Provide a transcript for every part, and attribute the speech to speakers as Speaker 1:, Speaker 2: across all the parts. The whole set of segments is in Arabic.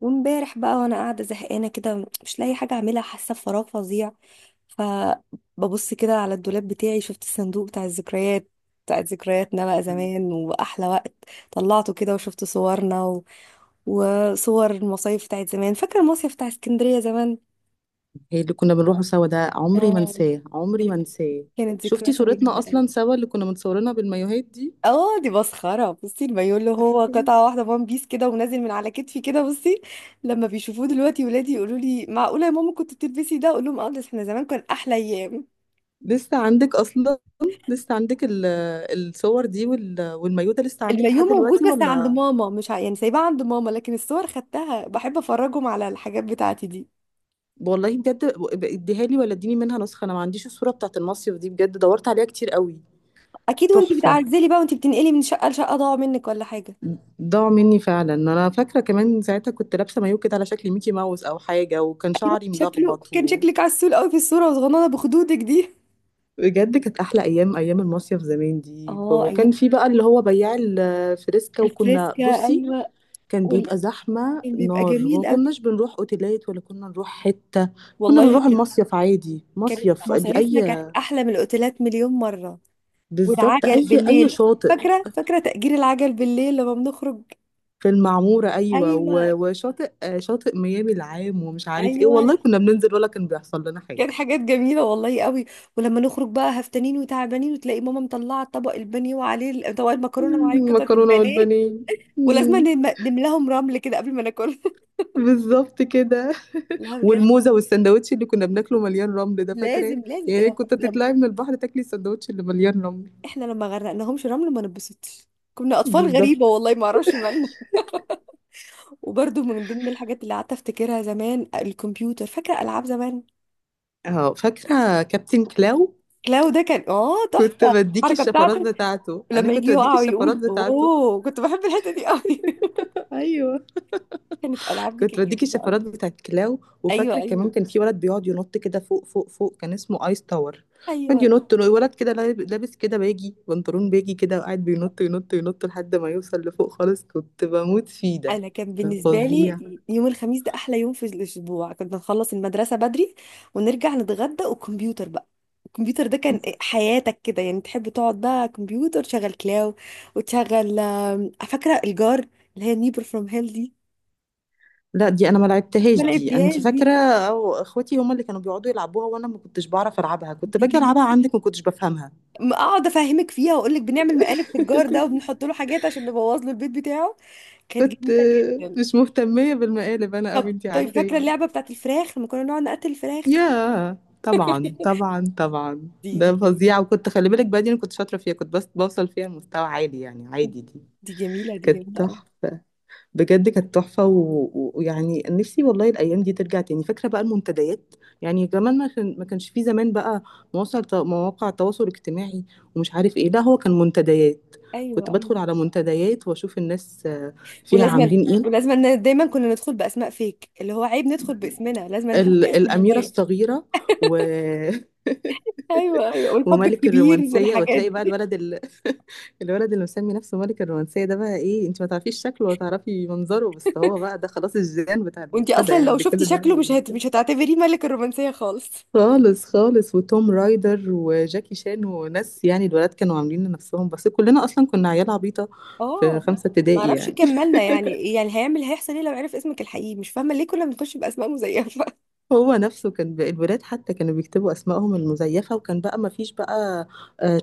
Speaker 1: وامبارح بقى وانا قاعده زهقانه كده، مش لاقي حاجه اعملها، حاسه بفراغ فظيع. فببص كده على الدولاب بتاعي، شفت الصندوق بتاع الذكريات، بتاعت ذكرياتنا بقى
Speaker 2: هي
Speaker 1: زمان واحلى وقت. طلعته كده وشفت صورنا وصور المصايف بتاعت زمان. فاكر المصيف بتاع اسكندريه زمان؟
Speaker 2: اللي كنا بنروحه سوا ده، عمري ما
Speaker 1: اه،
Speaker 2: انساه، عمري ما انساه.
Speaker 1: كانت
Speaker 2: شفتي
Speaker 1: ذكرياته
Speaker 2: صورتنا اصلا
Speaker 1: جميله.
Speaker 2: سوا اللي كنا متصورينها بالمايوهات دي؟
Speaker 1: اه دي مسخرة، بصي المايو اللي هو قطعة واحدة وان بيس كده ونازل من على كتفي كده، بصي. لما بيشوفوه دلوقتي ولادي يقولوا لي معقولة يا ماما كنت بتلبسي ده، اقول لهم اه بس احنا زمان كان احلى ايام.
Speaker 2: لسه عندك اصلا؟ لسه عندك الصور دي والمايوه ده لسه عندك
Speaker 1: المايو
Speaker 2: لحد
Speaker 1: موجود
Speaker 2: دلوقتي
Speaker 1: بس عند
Speaker 2: ولا؟
Speaker 1: ماما، مش يعني سايباه عند ماما، لكن الصور خدتها، بحب افرجهم على الحاجات بتاعتي دي.
Speaker 2: والله بجد. اديها لي ولا اديني منها نسخه، انا ما عنديش الصوره بتاعت المصيف دي، بجد دورت عليها كتير قوي.
Speaker 1: اكيد، وانتي
Speaker 2: تحفه.
Speaker 1: بتعزلي بقى وانتي بتنقلي من شقة لشقة ضاعوا منك ولا حاجة؟
Speaker 2: ضاعوا مني فعلا. انا فاكره كمان ساعتها كنت لابسه مايو كده على شكل ميكي ماوس او حاجه، وكان
Speaker 1: ايوه،
Speaker 2: شعري
Speaker 1: شكله
Speaker 2: ملخبط.
Speaker 1: كان شكلك عسول قوي في الصورة وصغننة بخدودك دي.
Speaker 2: بجد كانت احلى ايام، ايام المصيف زمان دي،
Speaker 1: اه ايام
Speaker 2: وكان في بقى اللي هو بياع الفريسكا، وكنا
Speaker 1: الفريسكا،
Speaker 2: بصي
Speaker 1: ايوه.
Speaker 2: كان
Speaker 1: وال...
Speaker 2: بيبقى زحمه
Speaker 1: بيبقى
Speaker 2: نار، وما
Speaker 1: جميل قوي،
Speaker 2: كناش بنروح اوتيلات ولا كنا نروح حته. كنا
Speaker 1: والله.
Speaker 2: بنروح المصيف عادي،
Speaker 1: كانت
Speaker 2: مصيف
Speaker 1: مصايفنا
Speaker 2: اي،
Speaker 1: كانت احلى من الاوتيلات مليون مره.
Speaker 2: بالظبط
Speaker 1: والعجل
Speaker 2: اي اي
Speaker 1: بالليل،
Speaker 2: شاطئ.
Speaker 1: فاكره تأجير العجل بالليل لما بنخرج.
Speaker 2: في المعموره ايوه،
Speaker 1: ايوه
Speaker 2: وشاطئ شاطئ ميامي العام ومش عارف ايه،
Speaker 1: ايوه،
Speaker 2: والله كنا بننزل ولا كان بيحصل لنا حاجه.
Speaker 1: كانت حاجات جميله والله قوي. ولما نخرج بقى هفتانين وتعبانين وتلاقي ماما مطلعه طبق البانيه وعليه طبق المكرونه وعليه قطعه
Speaker 2: مكرونه
Speaker 1: البانيه.
Speaker 2: والبانيه.
Speaker 1: ولازم
Speaker 2: مم،
Speaker 1: نملاهم رمل كده قبل ما ناكل.
Speaker 2: بالظبط كده.
Speaker 1: لا بجد،
Speaker 2: والموزه والسندوتش اللي كنا بناكله مليان رمل ده، فاكراه؟
Speaker 1: لازم
Speaker 2: يعني
Speaker 1: لازم
Speaker 2: كنت
Speaker 1: لما
Speaker 2: تطلعي من البحر تاكلي السندوتش اللي مليان رمل.
Speaker 1: احنا لما غرقناهمش رمل ما نبسطش. كنا اطفال غريبه
Speaker 2: بالظبط.
Speaker 1: والله، ما اعرفش مالنا. وبرضو من ضمن الحاجات اللي قعدت افتكرها زمان الكمبيوتر، فاكره العاب زمان؟
Speaker 2: اه، فاكره كابتن كلاو.
Speaker 1: كلاو ده كان اه
Speaker 2: كنت
Speaker 1: تحفه،
Speaker 2: بديكي
Speaker 1: الحركه
Speaker 2: الشفرات
Speaker 1: بتاعته
Speaker 2: بتاعته، انا
Speaker 1: لما يجي
Speaker 2: كنت بديكي
Speaker 1: يقع
Speaker 2: الشفرات
Speaker 1: ويقول
Speaker 2: بتاعته
Speaker 1: اوه، كنت بحب الحته دي قوي.
Speaker 2: ايوه.
Speaker 1: كانت العاب دي
Speaker 2: كنت
Speaker 1: كانت
Speaker 2: بديكي
Speaker 1: جميله قوي.
Speaker 2: الشفرات بتاعت كلاو.
Speaker 1: ايوه
Speaker 2: وفاكره كمان
Speaker 1: ايوه
Speaker 2: كان في ولد بيقعد ينط كده فوق فوق فوق، كان اسمه ايس تاور. كان
Speaker 1: ايوه.
Speaker 2: ينط ولد كده لابس كده باجي، بنطلون باجي كده، وقاعد بينط ينط ينط لحد ما يوصل لفوق خالص، كنت بموت فيه ده،
Speaker 1: انا كان
Speaker 2: كان
Speaker 1: بالنسبه لي
Speaker 2: فظيع.
Speaker 1: يوم الخميس ده احلى يوم في الاسبوع، كنا نخلص المدرسه بدري ونرجع نتغدى وكمبيوتر بقى. الكمبيوتر ده كان حياتك كده يعني، تحب تقعد بقى كمبيوتر تشغل كلاو وتشغل فاكره الجار اللي هي نيبر فروم هيل دي؟
Speaker 2: لا دي انا ما
Speaker 1: ما
Speaker 2: لعبتهاش دي، انت
Speaker 1: لعبتيهاش دي؟
Speaker 2: فاكره؟ او اخواتي هم اللي كانوا بيقعدوا يلعبوها، وانا ما كنتش بعرف العبها، كنت
Speaker 1: دي
Speaker 2: باجي
Speaker 1: جميلة.
Speaker 2: العبها عندك، ما كنتش بفهمها.
Speaker 1: اقعد افهمك فيها واقول لك بنعمل مقالب في الجار ده وبنحط له حاجات عشان نبوظ له البيت بتاعه. كانت
Speaker 2: كنت
Speaker 1: جميله جدا.
Speaker 2: مش مهتميه بالمقالب انا قوي،
Speaker 1: طب
Speaker 2: انت
Speaker 1: طيب فاكره
Speaker 2: عارفاني.
Speaker 1: اللعبه بتاعت الفراخ لما كنا نقعد نقتل الفراخ؟
Speaker 2: يا. طبعا، طبعا، طبعا،
Speaker 1: دي
Speaker 2: ده
Speaker 1: جميلة.
Speaker 2: فظيع. وكنت خلي بالك بقى، دي انا كنت شاطره فيها، كنت بس بوصل فيها لمستوى عالي يعني، عادي دي.
Speaker 1: دي جميله دي
Speaker 2: كانت
Speaker 1: جميله قوي.
Speaker 2: تحفه. بجد كانت تحفة ويعني نفسي والله الأيام دي ترجع تاني. فاكرة بقى المنتديات؟ يعني كمان ما كانش في زمان بقى مواقع تواصل اجتماعي ومش عارف ايه، لا هو كان منتديات. كنت
Speaker 1: ايوه ايوه.
Speaker 2: بدخل على منتديات واشوف الناس فيها
Speaker 1: ولازم
Speaker 2: عاملين ايه.
Speaker 1: ولازم إن دايما كنا ندخل باسماء فيك، اللي هو عيب ندخل باسمنا، لازم نحط اسمنا
Speaker 2: الأميرة
Speaker 1: دايما.
Speaker 2: الصغيرة و...
Speaker 1: ايوه ايوه، والحب
Speaker 2: وملك
Speaker 1: الكبير
Speaker 2: الرومانسية،
Speaker 1: والحاجات
Speaker 2: وتلاقي بقى
Speaker 1: دي.
Speaker 2: الولد اللي مسمي نفسه ملك الرومانسية ده، بقى ايه، انت ما تعرفيش شكله ولا تعرفي منظره، بس هو بقى ده خلاص الجيران بتاع
Speaker 1: وانتي
Speaker 2: المنتدى
Speaker 1: اصلا
Speaker 2: يعني،
Speaker 1: لو
Speaker 2: اللي كل
Speaker 1: شفتي
Speaker 2: البنات
Speaker 1: شكله
Speaker 2: بتبص
Speaker 1: مش
Speaker 2: له.
Speaker 1: هتعتبريه ملك الرومانسيه خالص.
Speaker 2: خالص خالص. وتوم رايدر وجاكي شان وناس، يعني الولاد كانوا عاملين لنفسهم، بس كلنا اصلا كنا عيال عبيطة في
Speaker 1: اه،
Speaker 2: خمسة
Speaker 1: ما
Speaker 2: ابتدائي
Speaker 1: اعرفش،
Speaker 2: يعني.
Speaker 1: كملنا يعني، يعني هيعمل هيحصل ايه لو عرف اسمك الحقيقي؟ مش فاهمه ليه كنا بنخش باسماء مزيفه.
Speaker 2: هو نفسه كان بقى الولاد حتى كانوا بيكتبوا اسمائهم المزيفه، وكان بقى ما فيش بقى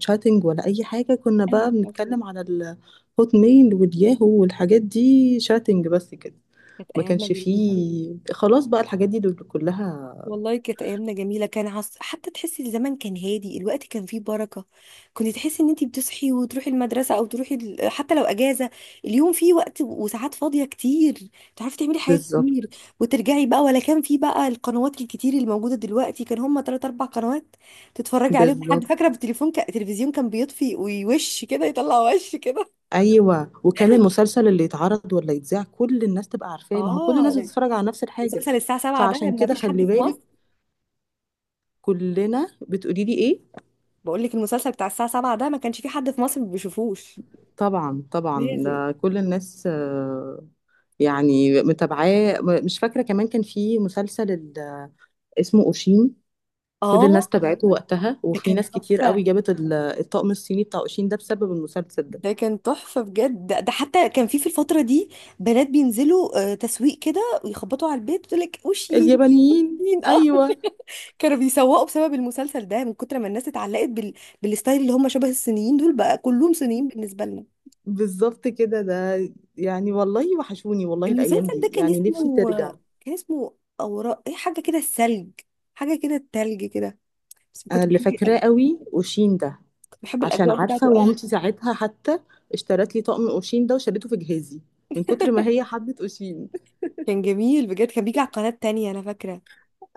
Speaker 2: تشاتنج ولا اي حاجه، كنا
Speaker 1: ايوه
Speaker 2: بقى
Speaker 1: أيوة.
Speaker 2: بنتكلم على الهوت ميل والياهو والحاجات دي، شاتنج بس كده.
Speaker 1: كانت
Speaker 2: ما
Speaker 1: ايامنا
Speaker 2: كانش
Speaker 1: جميله.
Speaker 2: فيه خلاص بقى الحاجات دي دول كلها.
Speaker 1: والله كانت ايامنا جميله، كان حتى تحسي الزمن كان هادي، الوقت كان فيه بركه. كنت تحسي ان انتي بتصحي وتروحي المدرسه او تروحي حتى لو اجازه، اليوم فيه وقت وساعات فاضيه كتير، تعرفي تعملي حاجات
Speaker 2: بالظبط.
Speaker 1: كتير وترجعي بقى. ولا كان فيه بقى القنوات الكتير اللي موجوده دلوقتي، كان هما تلات اربع قنوات تتفرجي عليهم لحد،
Speaker 2: بالظبط.
Speaker 1: فاكره بالتليفون التلفزيون كان بيطفي ويوش كده، يطلع وش كده.
Speaker 2: ايوه، وكان المسلسل اللي يتعرض ولا يتذاع كل الناس تبقى عارفاه، ما هو كل الناس
Speaker 1: اه،
Speaker 2: بتتفرج على نفس الحاجه.
Speaker 1: مسلسل الساعه 7 ده
Speaker 2: فعشان
Speaker 1: ما
Speaker 2: كده
Speaker 1: فيش حد
Speaker 2: خلي
Speaker 1: في مصر.
Speaker 2: بالك، كلنا بتقولي لي ايه.
Speaker 1: بقول لك المسلسل بتاع الساعه 7 ده ما كانش فيه حد في مصر ما بيشوفوش.
Speaker 2: طبعا طبعا،
Speaker 1: لازم.
Speaker 2: ده كل الناس يعني متابعاه. مش فاكرة كمان كان في مسلسل اسمه أوشين، كل الناس
Speaker 1: اه،
Speaker 2: تابعته وقتها،
Speaker 1: ده
Speaker 2: وفي
Speaker 1: كان
Speaker 2: ناس كتير قوي
Speaker 1: تحفة،
Speaker 2: جابت الطقم الصيني بتاع أوشين ده بسبب المسلسل ده.
Speaker 1: ده كان تحفة بجد ده حتى كان في في الفترة دي بنات بينزلوا تسويق كده ويخبطوا على البيت وتقول لك وشي؟
Speaker 2: اليابانيين،
Speaker 1: مين؟ اه،
Speaker 2: أيوة.
Speaker 1: كانوا بيسوقوا بسبب المسلسل ده، من كتر ما الناس اتعلقت بالستايل اللي هم شبه الصينيين دول، بقى كلهم صينيين بالنسبة لنا.
Speaker 2: بالظبط كده ده، يعني والله وحشوني والله الأيام
Speaker 1: المسلسل ده
Speaker 2: دي،
Speaker 1: كان
Speaker 2: يعني نفسي
Speaker 1: اسمه،
Speaker 2: ترجع.
Speaker 1: كان اسمه اوراق ايه حاجة كده الثلج، حاجة كده التلج كده. بس
Speaker 2: أنا
Speaker 1: كنت
Speaker 2: اللي
Speaker 1: بحب
Speaker 2: فاكراه قوي أوشين ده.
Speaker 1: كنت بحب
Speaker 2: عشان
Speaker 1: الأجواء بتاعته
Speaker 2: عارفة
Speaker 1: قوي.
Speaker 2: مامتي ساعتها حتى اشترت لي طقم أوشين ده وشالته في جهازي، من كتر ما هي حبت أوشين.
Speaker 1: كان جميل بجد، كان بيجي على قناة تانية أنا فاكرة.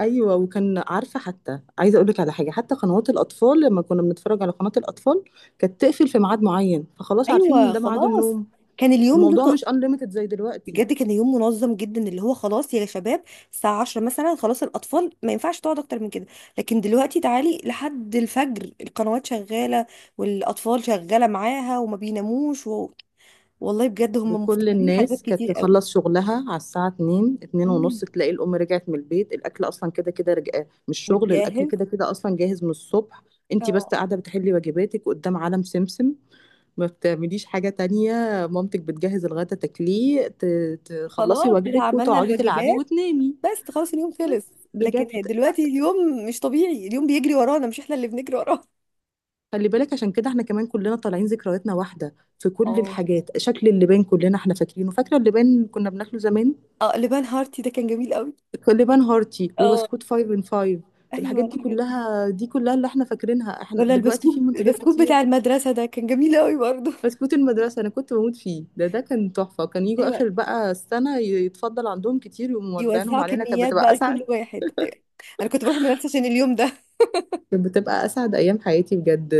Speaker 2: ايوه، وكان عارفه، حتى عايزه اقول لك على حاجه، حتى قنوات الاطفال لما كنا بنتفرج على قناه الاطفال كانت تقفل في ميعاد معين، فخلاص عارفين
Speaker 1: أيوة
Speaker 2: ان ده ميعاد
Speaker 1: خلاص.
Speaker 2: النوم.
Speaker 1: كان اليوم له.
Speaker 2: الموضوع مش انليميتد زي دلوقتي.
Speaker 1: بجد كان يوم منظم جدا، اللي هو خلاص يا شباب الساعة 10 مثلا خلاص الأطفال ما ينفعش تقعد أكتر من كده. لكن دلوقتي تعالي لحد الفجر القنوات شغالة والأطفال شغالة معاها وما بيناموش والله بجد هم
Speaker 2: وكل
Speaker 1: مفتقدين حاجات
Speaker 2: الناس كانت
Speaker 1: كتير قوي.
Speaker 2: تخلص شغلها على الساعه 2، 2 ونص،
Speaker 1: مم.
Speaker 2: تلاقي الام رجعت من البيت، الاكل اصلا كده كده رجع، مش شغل، الاكل
Speaker 1: متجهز.
Speaker 2: كده كده اصلا جاهز من الصبح. انت بس
Speaker 1: اه
Speaker 2: قاعده بتحلي واجباتك قدام عالم سمسم، ما بتعمليش حاجه تانية. مامتك بتجهز الغدا تاكليه، تخلصي
Speaker 1: خلاص كده
Speaker 2: واجبك
Speaker 1: عملنا
Speaker 2: وتقعدي تلعبي
Speaker 1: الواجبات،
Speaker 2: وتنامي.
Speaker 1: بس خلاص اليوم خلص.
Speaker 2: بس بجد.
Speaker 1: لكن دلوقتي اليوم مش طبيعي، اليوم بيجري ورانا مش احنا اللي بنجري وراه.
Speaker 2: خلي بالك، عشان كده احنا كمان كلنا طالعين ذكرياتنا واحدة في كل
Speaker 1: اه.
Speaker 2: الحاجات، شكل اللبان كلنا احنا فاكرينه. فاكرة اللبان اللي كنا بناكله زمان؟
Speaker 1: اه لبان هارتي ده كان جميل قوي.
Speaker 2: اللبان هارتي
Speaker 1: اه
Speaker 2: وبسكوت فايف ان فايف.
Speaker 1: ايوه
Speaker 2: الحاجات دي
Speaker 1: الحاجات دي.
Speaker 2: كلها دي كلها اللي احنا فاكرينها. احنا
Speaker 1: ولا
Speaker 2: دلوقتي في
Speaker 1: البسكوت،
Speaker 2: منتجات
Speaker 1: البسكوت
Speaker 2: كتير.
Speaker 1: بتاع المدرسة ده كان جميل قوي برضه.
Speaker 2: بسكوت المدرسة انا كنت بموت فيه ده، ده كان تحفة، كان يجوا
Speaker 1: ايوه،
Speaker 2: اخر بقى السنة يتفضل عندهم كتير وموزعينهم
Speaker 1: يوزعوا
Speaker 2: علينا، كانت
Speaker 1: كميات
Speaker 2: بتبقى
Speaker 1: بقى لكل
Speaker 2: اسعد،
Speaker 1: واحد، ايوه. انا كنت بروح المدرسة عشان اليوم ده.
Speaker 2: كانت بتبقى اسعد ايام حياتي بجد.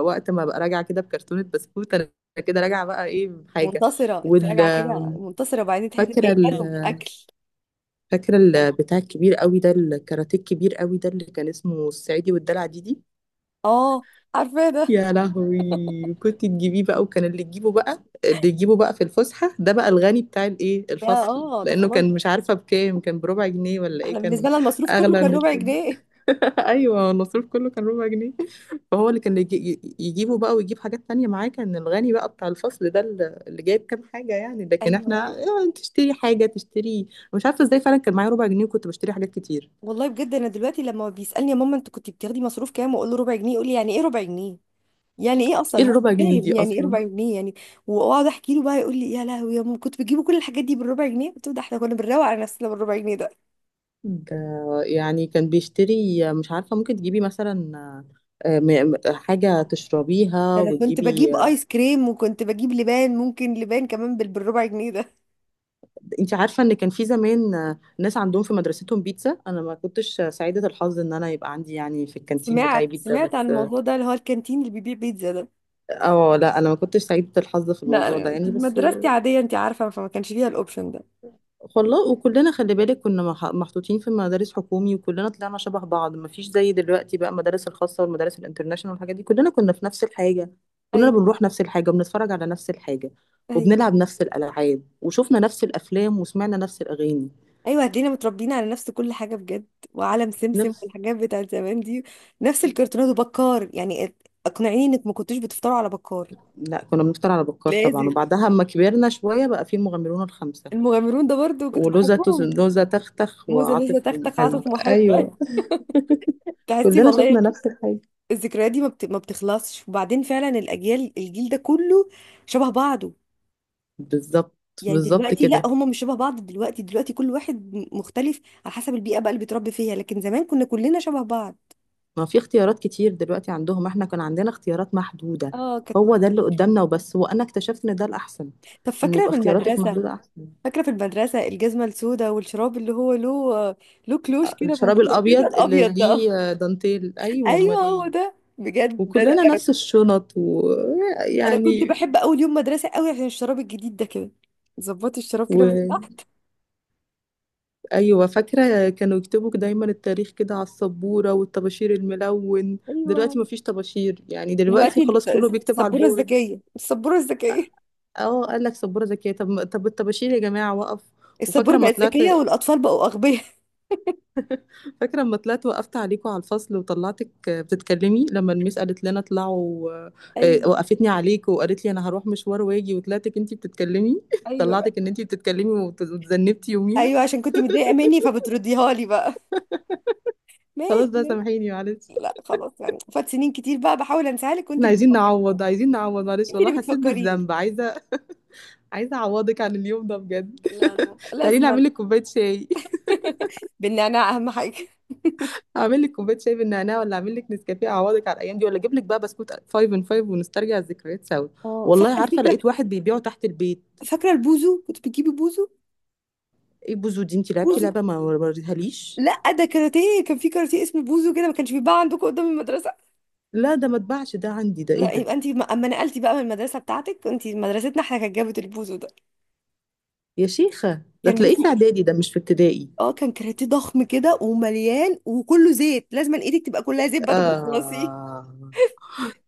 Speaker 2: وقت ما ببقى راجعه كده بكرتونه بسكوت انا، كده راجعه بقى ايه بحاجه.
Speaker 1: منتصرة، انت
Speaker 2: وال
Speaker 1: راجعة كده منتصرة وبعدين تحس انك اي
Speaker 2: فاكره ال...
Speaker 1: كلام اكل.
Speaker 2: فاكره البتاع الكبير قوي ده، الكاراتيه الكبير قوي ده اللي كان اسمه الصعيدي والدلع دي،
Speaker 1: اه، عارفة ده.
Speaker 2: يا لهوي، كنت تجيبيه بقى، وكان اللي تجيبه بقى اللي يجيبه بقى في الفسحه ده بقى الغني بتاع الايه
Speaker 1: ده
Speaker 2: الفصل،
Speaker 1: اه ده
Speaker 2: لانه
Speaker 1: خلاص
Speaker 2: كان
Speaker 1: بقى.
Speaker 2: مش عارفه بكام، كان بربع جنيه ولا
Speaker 1: احنا
Speaker 2: ايه
Speaker 1: بالنسبة
Speaker 2: كان.
Speaker 1: لنا المصروف كله
Speaker 2: اغلى من
Speaker 1: كان ربع
Speaker 2: التاني.
Speaker 1: جنيه.
Speaker 2: ايوه، النصيب كله كان ربع جنيه. فهو اللي كان يجي يجيبه بقى، ويجيب حاجات تانية معاه، كان الغني بقى بتاع الفصل ده، اللي اللي جايب كام حاجة يعني، لكن
Speaker 1: ايوه
Speaker 2: احنا
Speaker 1: ايوه.
Speaker 2: تشتري حاجة تشتري. مش عارفة ازاي فعلا كان معايا ربع جنيه وكنت بشتري حاجات كتير.
Speaker 1: والله بجد انا دلوقتي لما بيسألني يا ماما انت كنت بتاخدي مصروف كام، واقول له ربع جنيه، يقول لي يعني ايه ربع جنيه، يعني ايه
Speaker 2: ايه
Speaker 1: اصلا هو
Speaker 2: الربع جنيه
Speaker 1: فاهم
Speaker 2: دي
Speaker 1: يعني ايه
Speaker 2: اصلا؟
Speaker 1: ربع جنيه يعني. واقعد احكي له بقى، يقول لي يا لهوي يا ماما كنت بجيبوا كل الحاجات دي بالربع جنيه، قلت له ده احنا كنا بنروق على نفسنا بالربع جنيه ده.
Speaker 2: ده يعني كان بيشتري مش عارفة ممكن تجيبي مثلا حاجة
Speaker 1: ده
Speaker 2: تشربيها
Speaker 1: انا كنت
Speaker 2: وتجيبي
Speaker 1: بجيب ايس كريم وكنت بجيب لبان، ممكن لبان كمان بالربع جنيه ده.
Speaker 2: انت عارفة ان كان في زمان ناس عندهم في مدرستهم بيتزا، انا ما كنتش سعيدة الحظ ان انا يبقى عندي يعني في الكانتين بتاعي
Speaker 1: سمعت
Speaker 2: بيتزا،
Speaker 1: سمعت عن
Speaker 2: بس.
Speaker 1: الموضوع ده اللي هو الكانتين اللي بيبيع بيتزا ده.
Speaker 2: اه لا، انا ما كنتش سعيده الحظ في
Speaker 1: لا
Speaker 2: الموضوع ده
Speaker 1: أنا
Speaker 2: يعني، بس
Speaker 1: مدرستي عاديه انت عارفه، فما كانش فيها الاوبشن ده.
Speaker 2: والله. وكلنا خلي بالك كنا محطوطين في مدارس حكومي، وكلنا طلعنا شبه بعض، ما فيش زي دلوقتي بقى المدارس الخاصه والمدارس الانترناشونال والحاجات دي، كلنا كنا في نفس الحاجه. كلنا
Speaker 1: ايوه
Speaker 2: بنروح نفس الحاجه، وبنتفرج على نفس الحاجه،
Speaker 1: ايوه.
Speaker 2: وبنلعب نفس الالعاب، وشوفنا نفس الافلام، وسمعنا نفس الاغاني
Speaker 1: ايوه، هتلاقينا متربيين على نفس كل حاجه بجد، وعالم سمسم
Speaker 2: نفس.
Speaker 1: والحاجات بتاعت زمان دي، نفس الكرتونات وبكار يعني. اقنعيني انك ما كنتوش بتفطروا على بكار.
Speaker 2: لا، كنا بنفطر على بكار طبعا،
Speaker 1: لازم.
Speaker 2: وبعدها اما كبرنا شويه بقى في المغامرون الخمسه.
Speaker 1: المغامرون ده برضو كنت
Speaker 2: ولوزة
Speaker 1: بحبهم.
Speaker 2: لوزة تختخ
Speaker 1: موزة لسه،
Speaker 2: وعاطف
Speaker 1: تختخ،
Speaker 2: ومحب،
Speaker 1: عاطف،
Speaker 2: ايوه.
Speaker 1: محبة. تحسي
Speaker 2: كلنا
Speaker 1: والله
Speaker 2: شفنا نفس الحاجه.
Speaker 1: الذكريات دي ما بتخلصش. وبعدين فعلا الأجيال، الجيل ده كله شبه بعضه.
Speaker 2: بالظبط.
Speaker 1: يعني
Speaker 2: بالظبط
Speaker 1: دلوقتي لا،
Speaker 2: كده.
Speaker 1: هم مش شبه بعض دلوقتي، دلوقتي كل واحد مختلف على حسب البيئة بقى اللي بيتربي فيها، لكن زمان كنا كلنا شبه بعض.
Speaker 2: ما في اختيارات كتير دلوقتي عندهم، احنا كان عندنا اختيارات محدودة.
Speaker 1: اه كانت
Speaker 2: هو ده اللي قدامنا وبس، وانا اكتشفت ان ده الاحسن،
Speaker 1: طب
Speaker 2: ان
Speaker 1: فاكرة
Speaker 2: يبقى
Speaker 1: في
Speaker 2: اختياراتك
Speaker 1: المدرسة،
Speaker 2: محدودة احسن.
Speaker 1: فاكرة في المدرسة الجزمة السوداء والشراب اللي هو له، له كلوش كده من
Speaker 2: الشراب
Speaker 1: فوق كده،
Speaker 2: الابيض اللي
Speaker 1: الأبيض ده؟
Speaker 2: ليه دانتيل، ايوه
Speaker 1: ايوه
Speaker 2: امال
Speaker 1: هو
Speaker 2: ايه.
Speaker 1: ده بجد ده.
Speaker 2: وكلنا نفس الشنط
Speaker 1: انا كنت
Speaker 2: ويعني.
Speaker 1: بحب اول يوم مدرسه قوي عشان الشراب الجديد ده كده، ظبطي الشراب كده من
Speaker 2: وايوه،
Speaker 1: تحت.
Speaker 2: فاكره كانوا يكتبوا دايما التاريخ كده على السبوره والطباشير الملون،
Speaker 1: ايوه.
Speaker 2: دلوقتي ما فيش طباشير يعني، دلوقتي
Speaker 1: دلوقتي
Speaker 2: خلاص كله بيكتب على
Speaker 1: السبوره
Speaker 2: البورد.
Speaker 1: الذكيه، السبوره الذكيه.
Speaker 2: اه قال لك سبوره ذكيه، طب طب الطباشير يا جماعه وقف.
Speaker 1: السبوره
Speaker 2: وفاكره لما
Speaker 1: بقت
Speaker 2: طلعت
Speaker 1: ذكيه والاطفال بقوا اغبياء.
Speaker 2: فاكره لما طلعت، وقفت عليكم على الفصل وطلعتك بتتكلمي، لما الميس قالت لنا اطلعوا،
Speaker 1: ايوه
Speaker 2: وقفتني عليك وقالت لي انا هروح مشوار واجي، وطلعتك انتي بتتكلمي
Speaker 1: ايوه.
Speaker 2: طلعتك ان انتي بتتكلمي، وتذنبتي يوميها.
Speaker 1: ايوه عشان كنت متضايقه مني فبترديها لي بقى. ماشي.
Speaker 2: خلاص بقى،
Speaker 1: ماشي.
Speaker 2: سامحيني، معلش.
Speaker 1: لا خلاص يعني، فات سنين كتير بقى، بحاول انساها لك وانت
Speaker 2: احنا
Speaker 1: اللي
Speaker 2: عايزين
Speaker 1: بتفكريني.
Speaker 2: نعوض، عايزين نعوض، معلش،
Speaker 1: انت
Speaker 2: والله
Speaker 1: اللي
Speaker 2: حسيت
Speaker 1: بتفكريني.
Speaker 2: بالذنب، عايزه، عايزه اعوضك عن اليوم ده بجد.
Speaker 1: لا لا،
Speaker 2: تعالي
Speaker 1: لازما.
Speaker 2: نعمل لك كوبايه شاي،
Speaker 1: بالنعناع اهم حاجه.
Speaker 2: اعمل لك كوبايه شاي بالنعناع، ولا اعمل لك نسكافيه، اعوضك على الايام دي، ولا اجيب لك بقى بسكوت 5 ان 5 ونسترجع الذكريات سوا؟
Speaker 1: اه فاكره
Speaker 2: والله عارفه
Speaker 1: الفكره.
Speaker 2: لقيت واحد بيبيعه تحت البيت.
Speaker 1: فاكره البوزو، كنت بتجيبي بوزو؟
Speaker 2: ايه بوزو دي؟ انت لعبتي
Speaker 1: بوزو.
Speaker 2: لعبه ما وريتهاليش؟
Speaker 1: لا ده كاراتيه، كان في كاراتيه اسمه بوزو كده، ما كانش بيتباع عندكم قدام المدرسه؟
Speaker 2: لا ده ما اتباعش ده عندي، ده
Speaker 1: لا
Speaker 2: ايه ده؟
Speaker 1: يبقى انت اما نقلتي بقى من المدرسه بتاعتك، انت مدرستنا احنا كانت جابت البوزو ده.
Speaker 2: يا شيخه ده
Speaker 1: كان
Speaker 2: تلاقيه
Speaker 1: بيسي.
Speaker 2: في اعدادي ده، مش في ابتدائي.
Speaker 1: اه كان كاراتيه ضخم كده ومليان وكله زيت، لازم ايدك تبقى كلها زيت بعد ما تخلصيه.
Speaker 2: اه.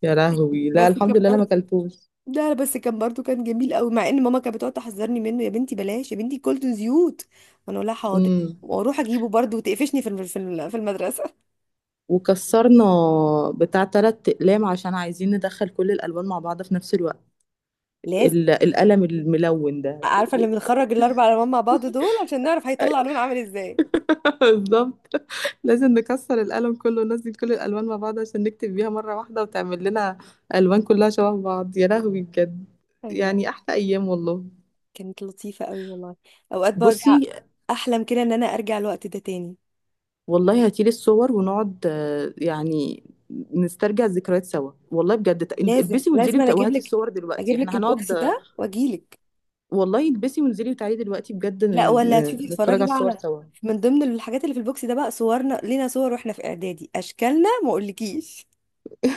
Speaker 2: يا لهوي، لا
Speaker 1: بس
Speaker 2: الحمد
Speaker 1: كان
Speaker 2: لله انا ما
Speaker 1: برضه،
Speaker 2: اكلتوش.
Speaker 1: ده بس كان برضه كان جميل قوي، مع ان ماما كانت بتقعد تحذرني منه، يا بنتي بلاش يا بنتي كولتون زيوت، وانا اقول لها حاضر
Speaker 2: امم
Speaker 1: واروح اجيبه برضه، وتقفشني في في المدرسه.
Speaker 2: وكسرنا بتاع تلات اقلام، عشان عايزين ندخل كل الالوان مع بعض في نفس الوقت،
Speaker 1: لازم.
Speaker 2: القلم الملون ده.
Speaker 1: عارفه اللي بنخرج الاربع الوان مع بعض دول عشان نعرف هيطلع لون عامل ازاي.
Speaker 2: بالظبط، لازم نكسر القلم كله وننزل كل الالوان مع بعض، عشان نكتب بيها مره واحده وتعمل لنا الوان كلها شبه بعض، يا لهوي بجد.
Speaker 1: ايوه.
Speaker 2: يعني احلى ايام والله.
Speaker 1: كانت لطيفة قوي والله. اوقات برجع
Speaker 2: بصي
Speaker 1: احلم كده ان انا ارجع الوقت ده تاني.
Speaker 2: والله هاتيلي الصور ونقعد يعني نسترجع الذكريات سوا، والله بجد،
Speaker 1: لازم
Speaker 2: البسي وانزلي
Speaker 1: لازم، انا اجيب
Speaker 2: وهاتي
Speaker 1: لك،
Speaker 2: الصور دلوقتي
Speaker 1: اجيب لك
Speaker 2: احنا هنقعد
Speaker 1: البوكس ده واجيلك.
Speaker 2: والله البسي وانزلي وتعالي دلوقتي بجد،
Speaker 1: لا ولا تشوفي،
Speaker 2: نتفرج
Speaker 1: تتفرجي
Speaker 2: على
Speaker 1: بقى
Speaker 2: الصور
Speaker 1: على،
Speaker 2: سوا.
Speaker 1: من ضمن الحاجات اللي في البوكس ده بقى صورنا لينا صور واحنا في اعدادي، اشكالنا ما اقولكيش.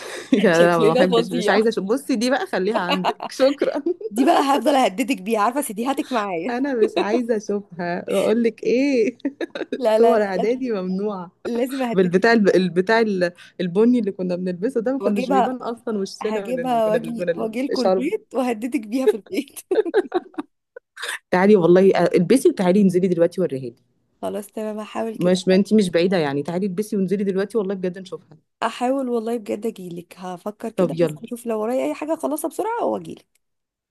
Speaker 2: يا لا، ما
Speaker 1: شكلنا
Speaker 2: بحبش، مش
Speaker 1: فظيع.
Speaker 2: عايزه أشوف. بصي دي بقى خليها عندك، شكرا.
Speaker 1: دي بقى هفضل اهددك بيها، عارفه سيديهاتك معايا.
Speaker 2: انا مش عايزه اشوفها، واقول لك ايه،
Speaker 1: لا لا لا
Speaker 2: صور
Speaker 1: لا،
Speaker 2: اعدادي ممنوعه.
Speaker 1: لازم اهددك بيها.
Speaker 2: البتاع البني اللي كنا بنلبسه ده ما كناش بيبان
Speaker 1: واجيبها،
Speaker 2: اصلا وشنا من
Speaker 1: هجيبها
Speaker 2: من
Speaker 1: واجي
Speaker 2: من
Speaker 1: واجي لكم
Speaker 2: الشرب.
Speaker 1: البيت وهددك بيها في البيت.
Speaker 2: تعالي والله، البسي وتعالي انزلي دلوقتي وريها لي.
Speaker 1: خلاص تمام، هحاول كده.
Speaker 2: مش، ما انتي مش بعيده يعني، تعالي البسي وانزلي دلوقتي، والله بجد نشوفها.
Speaker 1: احاول والله بجد اجيلك، هفكر
Speaker 2: طب
Speaker 1: كده بس
Speaker 2: يلا،
Speaker 1: اشوف لو ورايا اي حاجة اخلصها بسرعة واجيلك.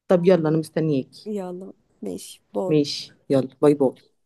Speaker 2: طب يلا انا مستنياكي.
Speaker 1: يلا. ماشي، باي.
Speaker 2: ماشي يلا، باي باي.